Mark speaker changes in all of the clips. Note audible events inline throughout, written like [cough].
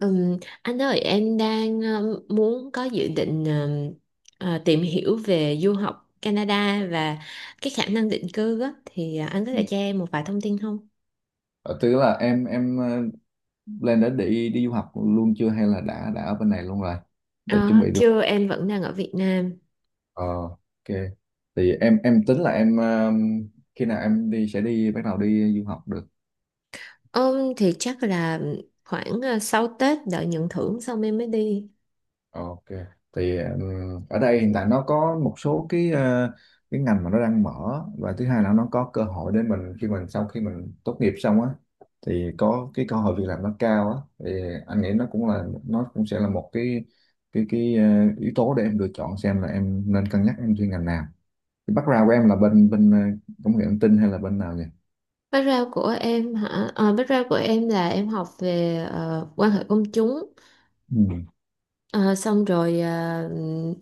Speaker 1: Ừm, anh ơi, em đang muốn có dự định tìm hiểu về du học Canada và cái khả năng định cư á, thì anh có
Speaker 2: Ừ.
Speaker 1: thể cho em một vài thông tin không?
Speaker 2: Ờ, Tức là em lên đi đi du học luôn chưa, hay là đã ở bên này luôn rồi để chuẩn
Speaker 1: Ờ,
Speaker 2: bị du học.
Speaker 1: Chưa, em vẫn đang ở Việt Nam.
Speaker 2: Ờ ok, thì em tính là em khi nào em đi sẽ bắt đầu đi du học được.
Speaker 1: Thì chắc là khoảng sau Tết đợi nhận thưởng xong em mới đi.
Speaker 2: Ok. Thì ở đây hiện tại nó có một số cái ngành mà nó đang mở, và thứ hai là nó có cơ hội để mình, khi mình sau khi mình tốt nghiệp xong á, thì có cái cơ hội việc làm nó cao á, thì anh nghĩ nó cũng là, nó cũng sẽ là một cái cái ờ, yếu tố để em lựa chọn xem là em nên cân nhắc em chuyên ngành nào. Cái background của em là bên bên ờ, công nghệ thông tin hay là bên nào nhỉ?
Speaker 1: Background của em hả? Ờ, Background của em là em học về quan hệ công chúng.
Speaker 2: Ừ.
Speaker 1: Ờ, Xong rồi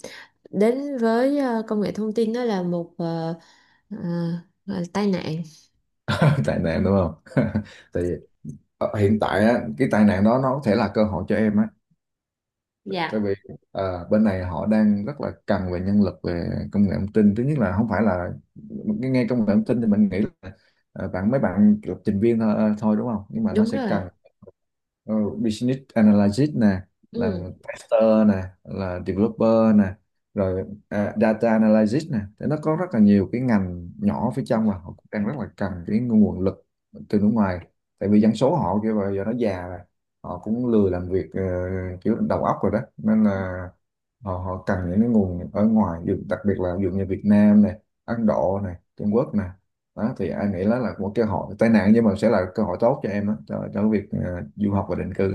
Speaker 1: đến với công nghệ thông tin đó là một à, gọi là tai nạn.
Speaker 2: [laughs] Tệ nạn đúng không? [laughs] Thì hiện tại á, cái tai nạn đó nó có thể là cơ hội cho em á, tại
Speaker 1: Dạ.
Speaker 2: vì à, bên này họ đang rất là cần về nhân lực về công nghệ thông tin. Thứ nhất là không phải là nghe nghe công nghệ thông tin thì mình nghĩ là bạn mấy bạn lập trình viên thôi, thôi, đúng không, nhưng mà nó
Speaker 1: Đúng
Speaker 2: sẽ
Speaker 1: rồi.
Speaker 2: cần ờ, business analyst nè,
Speaker 1: Ừ.
Speaker 2: là tester nè, là developer nè, rồi data analyst nè. Thế nó có rất là nhiều cái ngành nhỏ phía trong mà họ cũng đang rất là cần cái nguồn lực từ nước ngoài, tại vì dân số họ kêu bây giờ nó già, họ cũng lười làm việc kiểu đầu óc rồi đó, nên là họ họ cần những cái nguồn ở ngoài, đặc biệt là ví dụ như Việt Nam này, Ấn Độ này, Trung Quốc này. Đó thì anh nghĩ đó là một cơ hội tai nạn nhưng mà sẽ là cơ hội tốt cho em đó, cho cái việc du học và định cư.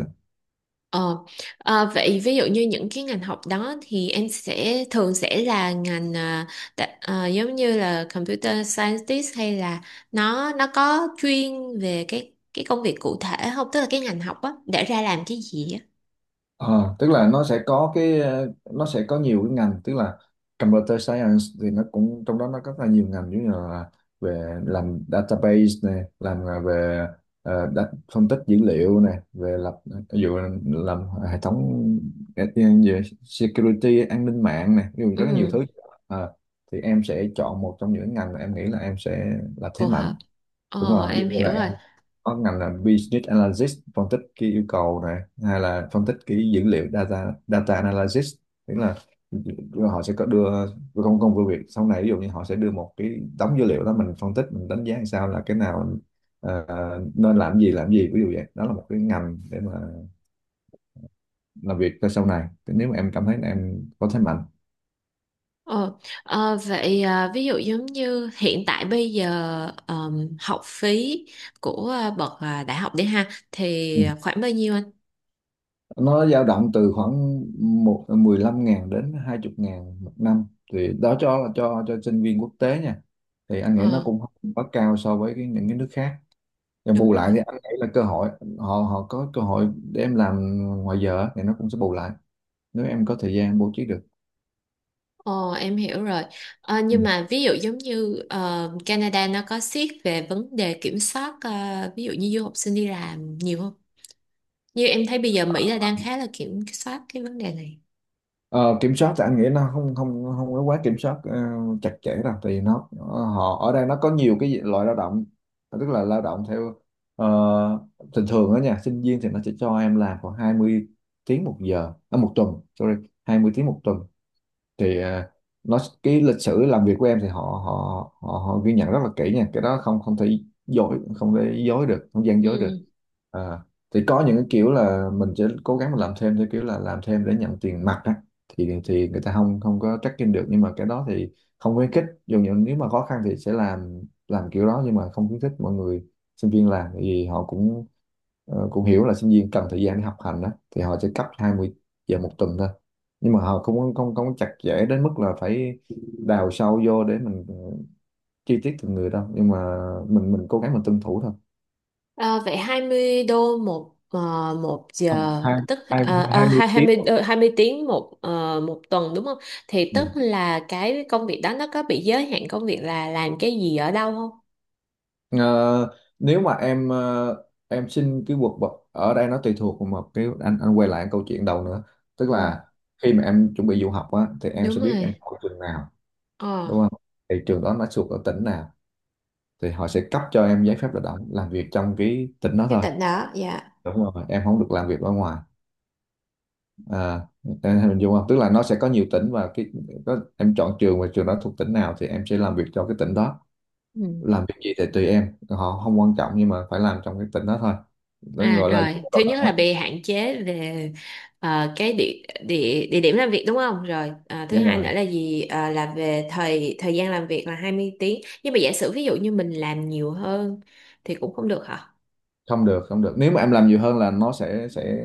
Speaker 1: Ờ, Vậy ví dụ như những cái ngành học đó thì em sẽ thường sẽ là ngành giống như là computer scientist hay là nó có chuyên về cái công việc cụ thể không? Tức là cái ngành học á để ra làm cái gì á?
Speaker 2: Ờ, tức là nó sẽ có nó sẽ có nhiều cái ngành, tức là computer science thì nó cũng trong đó nó có rất là nhiều ngành, giống như là về làm database này, làm là về phân tích dữ liệu này, về lập, ví dụ làm hệ thống, về security an ninh mạng này, ví dụ rất là nhiều
Speaker 1: Ừ,
Speaker 2: thứ. Ờ, thì em sẽ chọn một trong những ngành mà em nghĩ là em sẽ là thế
Speaker 1: phù
Speaker 2: mạnh.
Speaker 1: hợp.
Speaker 2: Đúng rồi, ví
Speaker 1: Em
Speaker 2: dụ như
Speaker 1: hiểu
Speaker 2: là
Speaker 1: rồi.
Speaker 2: có ngành là business analysis, phân tích cái yêu cầu này, hay là phân tích cái dữ liệu, data data analysis, tức là họ sẽ có đưa công công việc việc sau này. Ví dụ như họ sẽ đưa một cái đống dữ liệu đó, mình phân tích, mình đánh giá làm sao là cái nào ờ, nên làm gì, làm gì, ví dụ vậy đó, là một cái ngành để mà làm việc cho sau này, nếu mà em cảm thấy là em có thế mạnh.
Speaker 1: Ờ, Vậy ví dụ giống như hiện tại bây giờ học phí của bậc đại học đi ha thì khoảng bao nhiêu anh?
Speaker 2: Nó dao động từ khoảng 15 ngàn đến 20 ngàn một năm, thì đó cho là cho sinh viên quốc tế nha. Thì anh nghĩ nó
Speaker 1: Ờ,
Speaker 2: cũng không quá cao so với cái, những cái nước khác, và
Speaker 1: đúng
Speaker 2: bù lại
Speaker 1: rồi.
Speaker 2: thì anh nghĩ là cơ hội, họ họ có cơ hội để em làm ngoài giờ á, thì nó cũng sẽ bù lại nếu em có thời gian bố trí được.
Speaker 1: Ờ, em hiểu rồi.
Speaker 2: Ừ.
Speaker 1: Nhưng mà ví dụ giống như Canada nó có siết về vấn đề kiểm soát ví dụ như du học sinh đi làm nhiều không? Như em thấy bây giờ Mỹ là đang khá là kiểm soát cái vấn đề này.
Speaker 2: Ờ, kiểm soát thì anh nghĩ nó không không không có quá kiểm soát chặt chẽ đâu. Thì nó, họ ở đây nó có nhiều cái loại lao động, tức là lao động theo ờ, thường thường đó nha, sinh viên thì nó sẽ cho em làm khoảng 20 tiếng một giờ, một tuần sorry, 20 tiếng một tuần. Thì nó, cái lịch sử làm việc của em thì họ họ họ họ ghi nhận rất là kỹ nha, cái đó không không thể dối, không thể dối được, không gian dối được.
Speaker 1: Ừ.
Speaker 2: à, thì có những cái kiểu là mình sẽ cố gắng mà làm thêm theo kiểu là làm thêm để nhận tiền mặt á, thì người ta không không có tracking được, nhưng mà cái đó thì không khuyến khích, dù những nếu mà khó khăn thì sẽ làm kiểu đó, nhưng mà không khuyến khích mọi người sinh viên làm. Tại vì họ cũng cũng hiểu là sinh viên cần thời gian để học hành đó, thì họ sẽ cấp 20 giờ một tuần thôi. Nhưng mà họ cũng không không không có chặt chẽ đến mức là phải đào sâu vô để mình chi tiết từng người đâu, nhưng mà mình cố gắng mình tuân thủ thôi.
Speaker 1: À, vậy 20 đô một một
Speaker 2: Ờ,
Speaker 1: giờ,
Speaker 2: hai
Speaker 1: tức
Speaker 2: hai hai mươi tiếng
Speaker 1: 20 20 tiếng một một tuần đúng không? Thì
Speaker 2: Ừ.
Speaker 1: tức là cái công việc đó nó có bị giới hạn công việc là làm cái gì ở đâu không?
Speaker 2: Ờ, nếu mà em em xin cái quật bậc ở đây, nó tùy thuộc vào một cái, anh quay lại câu chuyện đầu nữa, tức
Speaker 1: Ừ,
Speaker 2: là khi mà em chuẩn bị du học á, thì em
Speaker 1: đúng
Speaker 2: sẽ biết em
Speaker 1: rồi.
Speaker 2: học trường nào,
Speaker 1: Ờ,
Speaker 2: đúng không, thì trường đó nó thuộc ở tỉnh nào thì họ sẽ cấp cho em giấy phép lao động làm việc trong cái tỉnh đó
Speaker 1: cái
Speaker 2: thôi.
Speaker 1: tỉnh đó, dạ.
Speaker 2: Đúng rồi, em không được làm việc ở ngoài. à em hình dung không, tức là nó sẽ có nhiều tỉnh, và cái, có, em chọn trường và trường đó thuộc tỉnh nào thì em sẽ làm việc cho cái tỉnh đó.
Speaker 1: Ừ.
Speaker 2: Làm việc gì thì tùy em, họ không quan trọng, nhưng mà phải làm trong cái tỉnh đó thôi. Nó
Speaker 1: À
Speaker 2: gọi là dịch
Speaker 1: rồi,
Speaker 2: vụ
Speaker 1: thứ
Speaker 2: lao
Speaker 1: nhất là
Speaker 2: động á.
Speaker 1: bị hạn chế về cái địa, địa địa điểm làm việc đúng không? Rồi, thứ
Speaker 2: Nhưng
Speaker 1: hai nữa
Speaker 2: mà
Speaker 1: là gì? À, là về thời thời gian làm việc là 20 tiếng. Nhưng mà giả sử ví dụ như mình làm nhiều hơn thì cũng không được hả?
Speaker 2: không được, nếu mà em làm nhiều hơn là nó sẽ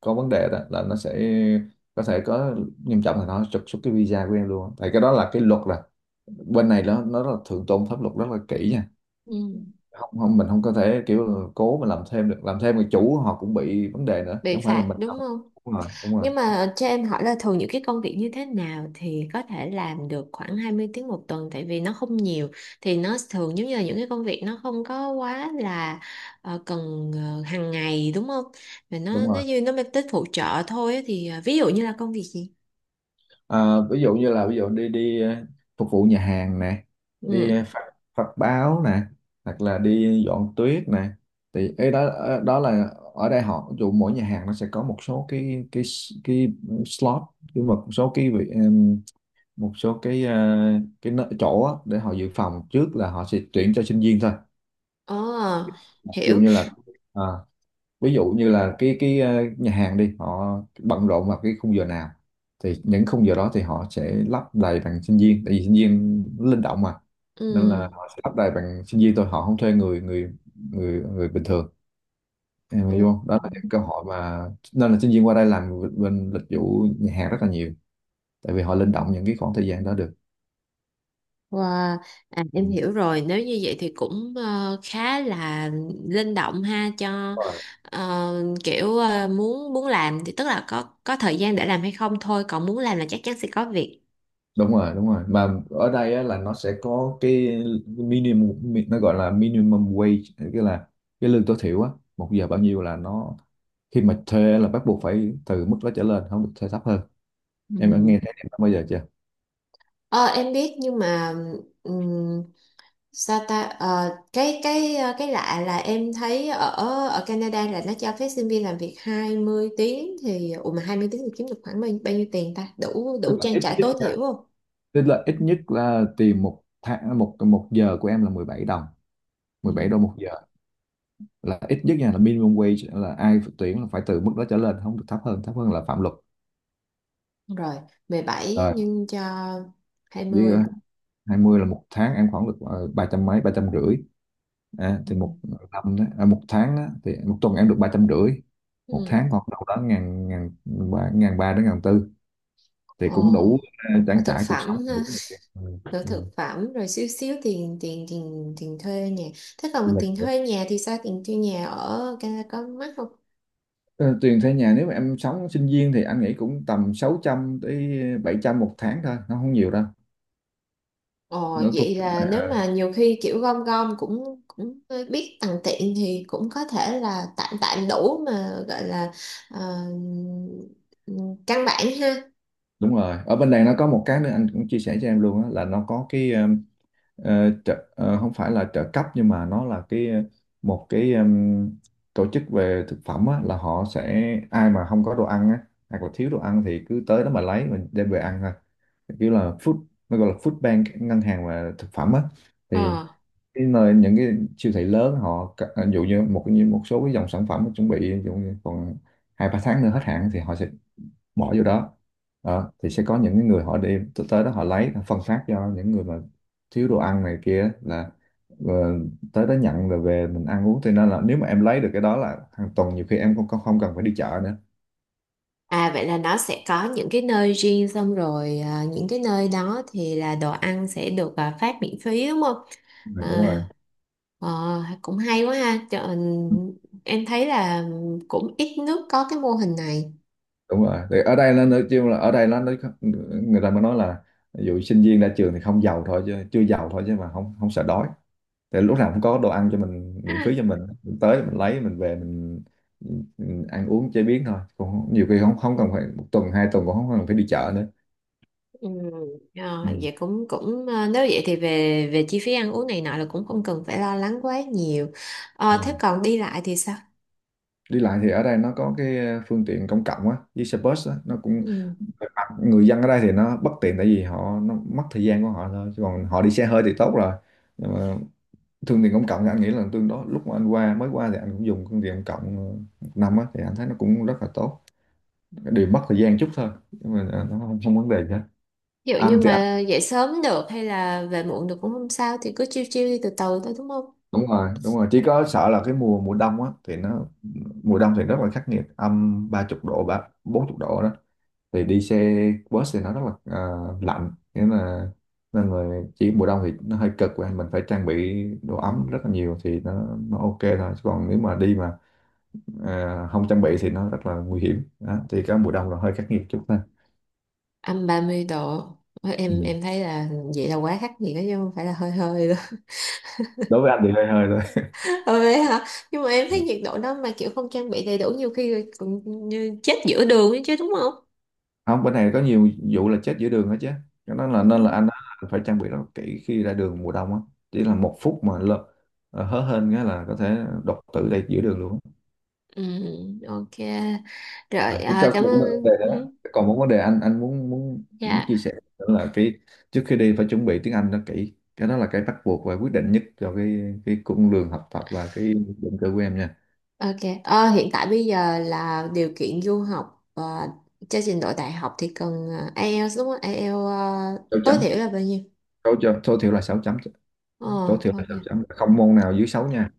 Speaker 2: có vấn đề, đó là nó sẽ có thể có, nghiêm trọng là nó trục xuất cái visa của em luôn, tại cái đó là cái luật rồi. Bên này nó rất là thượng tôn pháp luật rất là kỹ nha,
Speaker 1: Ừ.
Speaker 2: không không mình không có thể kiểu cố mà làm thêm được. Làm thêm, người chủ họ cũng bị vấn đề nữa, chứ
Speaker 1: Bị
Speaker 2: không phải là
Speaker 1: phạt
Speaker 2: mình làm.
Speaker 1: đúng không?
Speaker 2: Đúng rồi, đúng rồi,
Speaker 1: Nhưng mà cho em hỏi là thường những cái công việc như thế nào thì có thể làm được khoảng 20 tiếng một tuần, tại vì nó không nhiều, thì nó thường giống như là những cái công việc nó không có quá là cần hàng ngày đúng không? Và nó
Speaker 2: đúng
Speaker 1: nó
Speaker 2: rồi.
Speaker 1: như nó mang tính phụ trợ thôi á, thì ví dụ như là công việc gì?
Speaker 2: Ví dụ như là, ví dụ đi đi phục vụ nhà hàng nè, đi
Speaker 1: Ừ.
Speaker 2: phát báo nè, hoặc là đi dọn tuyết nè, thì ấy đó, đó là, ở đây họ, ví dụ mỗi nhà hàng nó sẽ có một số cái slot, nhưng mà một số một số chỗ á, để họ dự phòng trước là họ sẽ tuyển cho sinh viên thôi.
Speaker 1: Ồ,
Speaker 2: Ví dụ
Speaker 1: hiểu.
Speaker 2: như là, à, ví dụ như là nhà hàng đi, họ bận rộn vào cái khung giờ nào, thì những khung giờ đó thì họ sẽ lắp đầy bằng sinh viên, tại vì sinh viên linh động mà, nên
Speaker 1: Ừ.
Speaker 2: là họ sẽ lắp đầy bằng sinh viên thôi, họ không thuê người người bình thường, em hiểu không, đó
Speaker 1: Ừ.
Speaker 2: là những cơ hội mà, nên là sinh viên qua đây làm bên lịch vụ nhà hàng rất là nhiều, tại vì họ linh động những cái khoảng thời gian đó được.
Speaker 1: Wow. À, em hiểu rồi, nếu như vậy thì cũng khá là linh động ha cho
Speaker 2: Ừ.
Speaker 1: ờ, kiểu muốn muốn làm thì tức là có thời gian để làm hay không thôi, còn muốn làm là chắc chắn sẽ có việc.
Speaker 2: Đúng rồi, mà ở đây á, là nó sẽ có cái nó gọi là minimum wage, tức là cái lương tối thiểu á, một giờ bao nhiêu, là nó khi mà thuê là bắt buộc phải từ mức đó trở lên, không được thuê thấp hơn. Em đã nghe
Speaker 1: Ừ.
Speaker 2: thấy em bao giờ chưa?
Speaker 1: ờ, em biết nhưng mà ừm, sao ta. Cái lạ là em thấy ở ở Canada là nó cho phép sinh viên làm việc 20 tiếng, thì ủa mà 20 tiếng thì kiếm được khoảng bao nhiêu tiền ta, đủ đủ
Speaker 2: Tức là
Speaker 1: trang
Speaker 2: ít
Speaker 1: trải
Speaker 2: nhất,
Speaker 1: tối thiểu
Speaker 2: là tìm một tháng, một một giờ của em là 17 đồng, 17 đô
Speaker 1: không.
Speaker 2: một giờ, là ít nhất nha, là minimum wage, là ai tuyển là phải từ mức đó trở lên, không được thấp hơn, là phạm luật
Speaker 1: Rồi 17 nhân cho
Speaker 2: rồi.
Speaker 1: 20.
Speaker 2: 20 là một tháng em khoảng được 300 mấy, 350, à,
Speaker 1: Ừ.
Speaker 2: thì một một tháng đó, thì một tuần em được 350, một
Speaker 1: Ừ.
Speaker 2: tháng khoảng đâu đó ngàn, 3 ngàn 3 đến ngàn tư, thì cũng đủ
Speaker 1: Ồ. Và
Speaker 2: trang
Speaker 1: thực
Speaker 2: trải cuộc sống,
Speaker 1: phẩm ha,
Speaker 2: đủ
Speaker 1: rồi
Speaker 2: ừ,
Speaker 1: thực phẩm, rồi xíu xíu tiền tiền tiền tiền thuê nhà. Thế
Speaker 2: sinh
Speaker 1: còn
Speaker 2: nhật
Speaker 1: tiền
Speaker 2: nữa.
Speaker 1: thuê nhà thì sao, tiền thuê nhà ở Canada có mắc không?
Speaker 2: Ờ, tiền thuê nhà nếu mà em sống sinh viên thì anh nghĩ cũng tầm 600 tới 700 một tháng thôi, nó không nhiều đâu.
Speaker 1: Ồ,
Speaker 2: nó thuộc
Speaker 1: vậy là nếu
Speaker 2: ờ,
Speaker 1: mà nhiều khi kiểu gom gom cũng cũng biết tằn tiện thì cũng có thể là tạm tạm đủ mà gọi là ờ, căn bản ha.
Speaker 2: Đúng rồi, ở bên này nó có một cái nữa anh cũng chia sẻ cho em luôn á, là nó có cái, không phải là trợ cấp, nhưng mà nó là cái, một cái, tổ chức về thực phẩm á. Là họ sẽ Ai mà không có đồ ăn á, hoặc là thiếu đồ ăn thì cứ tới đó mà lấy, mình đem về ăn thôi. Kiểu là food, nó gọi là food bank, ngân hàng và thực phẩm á. Thì
Speaker 1: Ờ.
Speaker 2: cái nơi những cái siêu thị lớn, họ ví dụ như một số cái dòng sản phẩm chuẩn bị, ví dụ như còn 2-3 tháng nữa hết hạn thì họ sẽ bỏ vô đó. Đó, thì sẽ có những cái người họ đi tới đó họ lấy, họ phân phát cho những người mà thiếu đồ ăn này kia, là ờ, tới đó nhận rồi về mình ăn uống. Cho nên là nếu mà em lấy được cái đó là hàng tuần, nhiều khi em không không cần phải đi chợ nữa.
Speaker 1: À, vậy là nó sẽ có những cái nơi riêng, xong rồi những cái nơi đó thì là đồ ăn sẽ được phát miễn phí đúng không?
Speaker 2: Ừ, đúng
Speaker 1: À,
Speaker 2: rồi,
Speaker 1: ờ, cũng hay quá ha. Trời, em thấy là cũng ít nước có cái mô hình này.
Speaker 2: đúng rồi, thì ở đây nó nói chung là, ở đây nó nói, người ta mới nói là ví dụ sinh viên ra trường thì không giàu thôi chứ, chưa giàu thôi chứ, mà không không sợ đói. Tại lúc nào cũng có đồ ăn cho mình miễn phí, cho mình tới mình lấy mình về, mình ăn uống chế biến thôi, cũng nhiều khi không không cần phải, một tuần 2 tuần cũng không cần phải đi chợ nữa.
Speaker 1: Ừ.
Speaker 2: Ừ.
Speaker 1: Vậy cũng cũng nếu vậy thì về về chi phí ăn uống này nọ là cũng không cần phải lo lắng quá nhiều.
Speaker 2: Đúng
Speaker 1: Thế
Speaker 2: rồi.
Speaker 1: còn đi lại thì sao?
Speaker 2: Đi lại thì ở đây nó có cái, phương tiện công cộng á, với xe bus á, nó cũng,
Speaker 1: Ừ.
Speaker 2: người dân ở đây thì nó bất tiện tại vì họ, nó mất thời gian của họ thôi, chứ còn họ đi xe hơi thì tốt rồi. Nhưng mà phương tiện công cộng thì anh nghĩ là tương đối. Lúc mà anh qua, mới qua thì anh cũng dùng phương tiện công cộng một năm á, thì anh thấy nó cũng rất là tốt, điều mất thời gian chút thôi, nhưng mà nó không vấn đề gì hết.
Speaker 1: Ví dụ như
Speaker 2: Ăn thì ăn.
Speaker 1: mà dậy sớm được hay là về muộn được cũng không sao, thì cứ chiêu chiêu đi từ từ thôi đúng không?
Speaker 2: Đúng rồi, đúng rồi, chỉ có sợ là cái mùa mùa đông á, thì nó, mùa đông thì rất là khắc nghiệt, -30 độ, 30-40 độ đó. Thì đi xe bus thì nó rất là, lạnh, nên là chỉ mùa đông thì nó hơi cực, và mình phải trang bị đồ ấm rất là nhiều, thì nó ok thôi. Chứ còn nếu mà đi mà không trang bị thì nó rất là nguy hiểm đó. Thì cái mùa đông là hơi khắc nghiệt chút thôi.
Speaker 1: -30 độ. Ôi,
Speaker 2: Ừ.
Speaker 1: em thấy là vậy là quá khắc nghiệt đó chứ không phải là hơi hơi đâu.
Speaker 2: Đối với anh thì hơi hơi thôi.
Speaker 1: [laughs] Ôi, vậy hả? Nhưng mà em thấy
Speaker 2: [laughs]
Speaker 1: nhiệt độ đó mà kiểu không trang bị đầy đủ, nhiều khi rồi còn như chết giữa đường ấy chứ, đúng không?
Speaker 2: Không, bên này có nhiều vụ là chết giữa đường hết chứ, cho nên là
Speaker 1: Ừ.
Speaker 2: anh đó phải trang bị rất kỹ khi ra đường mùa đông á. Chỉ là một phút mà lỡ hớ hên cái là có thể đột tử đây giữa đường luôn á.
Speaker 1: Ừ. Ok. Rồi
Speaker 2: À, chúng ta
Speaker 1: cảm
Speaker 2: còn một vấn
Speaker 1: ơn.
Speaker 2: đề nữa.
Speaker 1: Ừ.
Speaker 2: Còn một vấn đề anh muốn muốn muốn
Speaker 1: Dạ.
Speaker 2: chia sẻ nữa, là cái trước khi đi phải chuẩn bị tiếng Anh nó kỹ, cái đó là cái bắt buộc và quyết định nhất cho cái cung đường học tập và cái định cư của em nha.
Speaker 1: Ok. Ờ, hiện tại bây giờ là điều kiện du học và cho trình độ đại học thì cần IELTS đúng không? IELTS
Speaker 2: Sáu
Speaker 1: tối
Speaker 2: chấm.
Speaker 1: thiểu là bao nhiêu?
Speaker 2: Tối thiểu là sáu chấm.
Speaker 1: ờ
Speaker 2: Tối thiểu là
Speaker 1: ok.
Speaker 2: sáu chấm, không môn nào dưới sáu nha.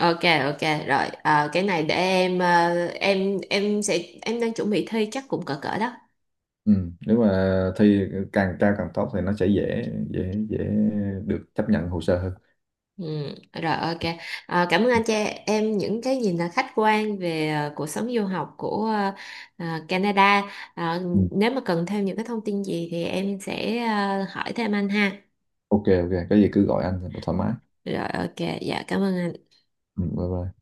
Speaker 1: Ok, ok, rồi. Ờ, cái này để em ờ, em sẽ em đang chuẩn bị thi, chắc cũng cỡ cỡ đó.
Speaker 2: Ừ, nếu mà thi càng cao càng tốt thì nó sẽ dễ dễ dễ được chấp nhận hồ sơ hơn.
Speaker 1: Ừ. Rồi. Ok. Ờ, cảm ơn
Speaker 2: Ừ.
Speaker 1: anh cho em những cái nhìn là khách quan về cuộc sống du học của Canada. Ờ,
Speaker 2: Ừ,
Speaker 1: nếu mà cần thêm những cái thông tin gì thì em sẽ hỏi thêm anh ha.
Speaker 2: Ok, ok, có gì cứ gọi anh thoải mái.
Speaker 1: Rồi. Ok. Dạ, cảm ơn anh.
Speaker 2: Ừ, bye bye.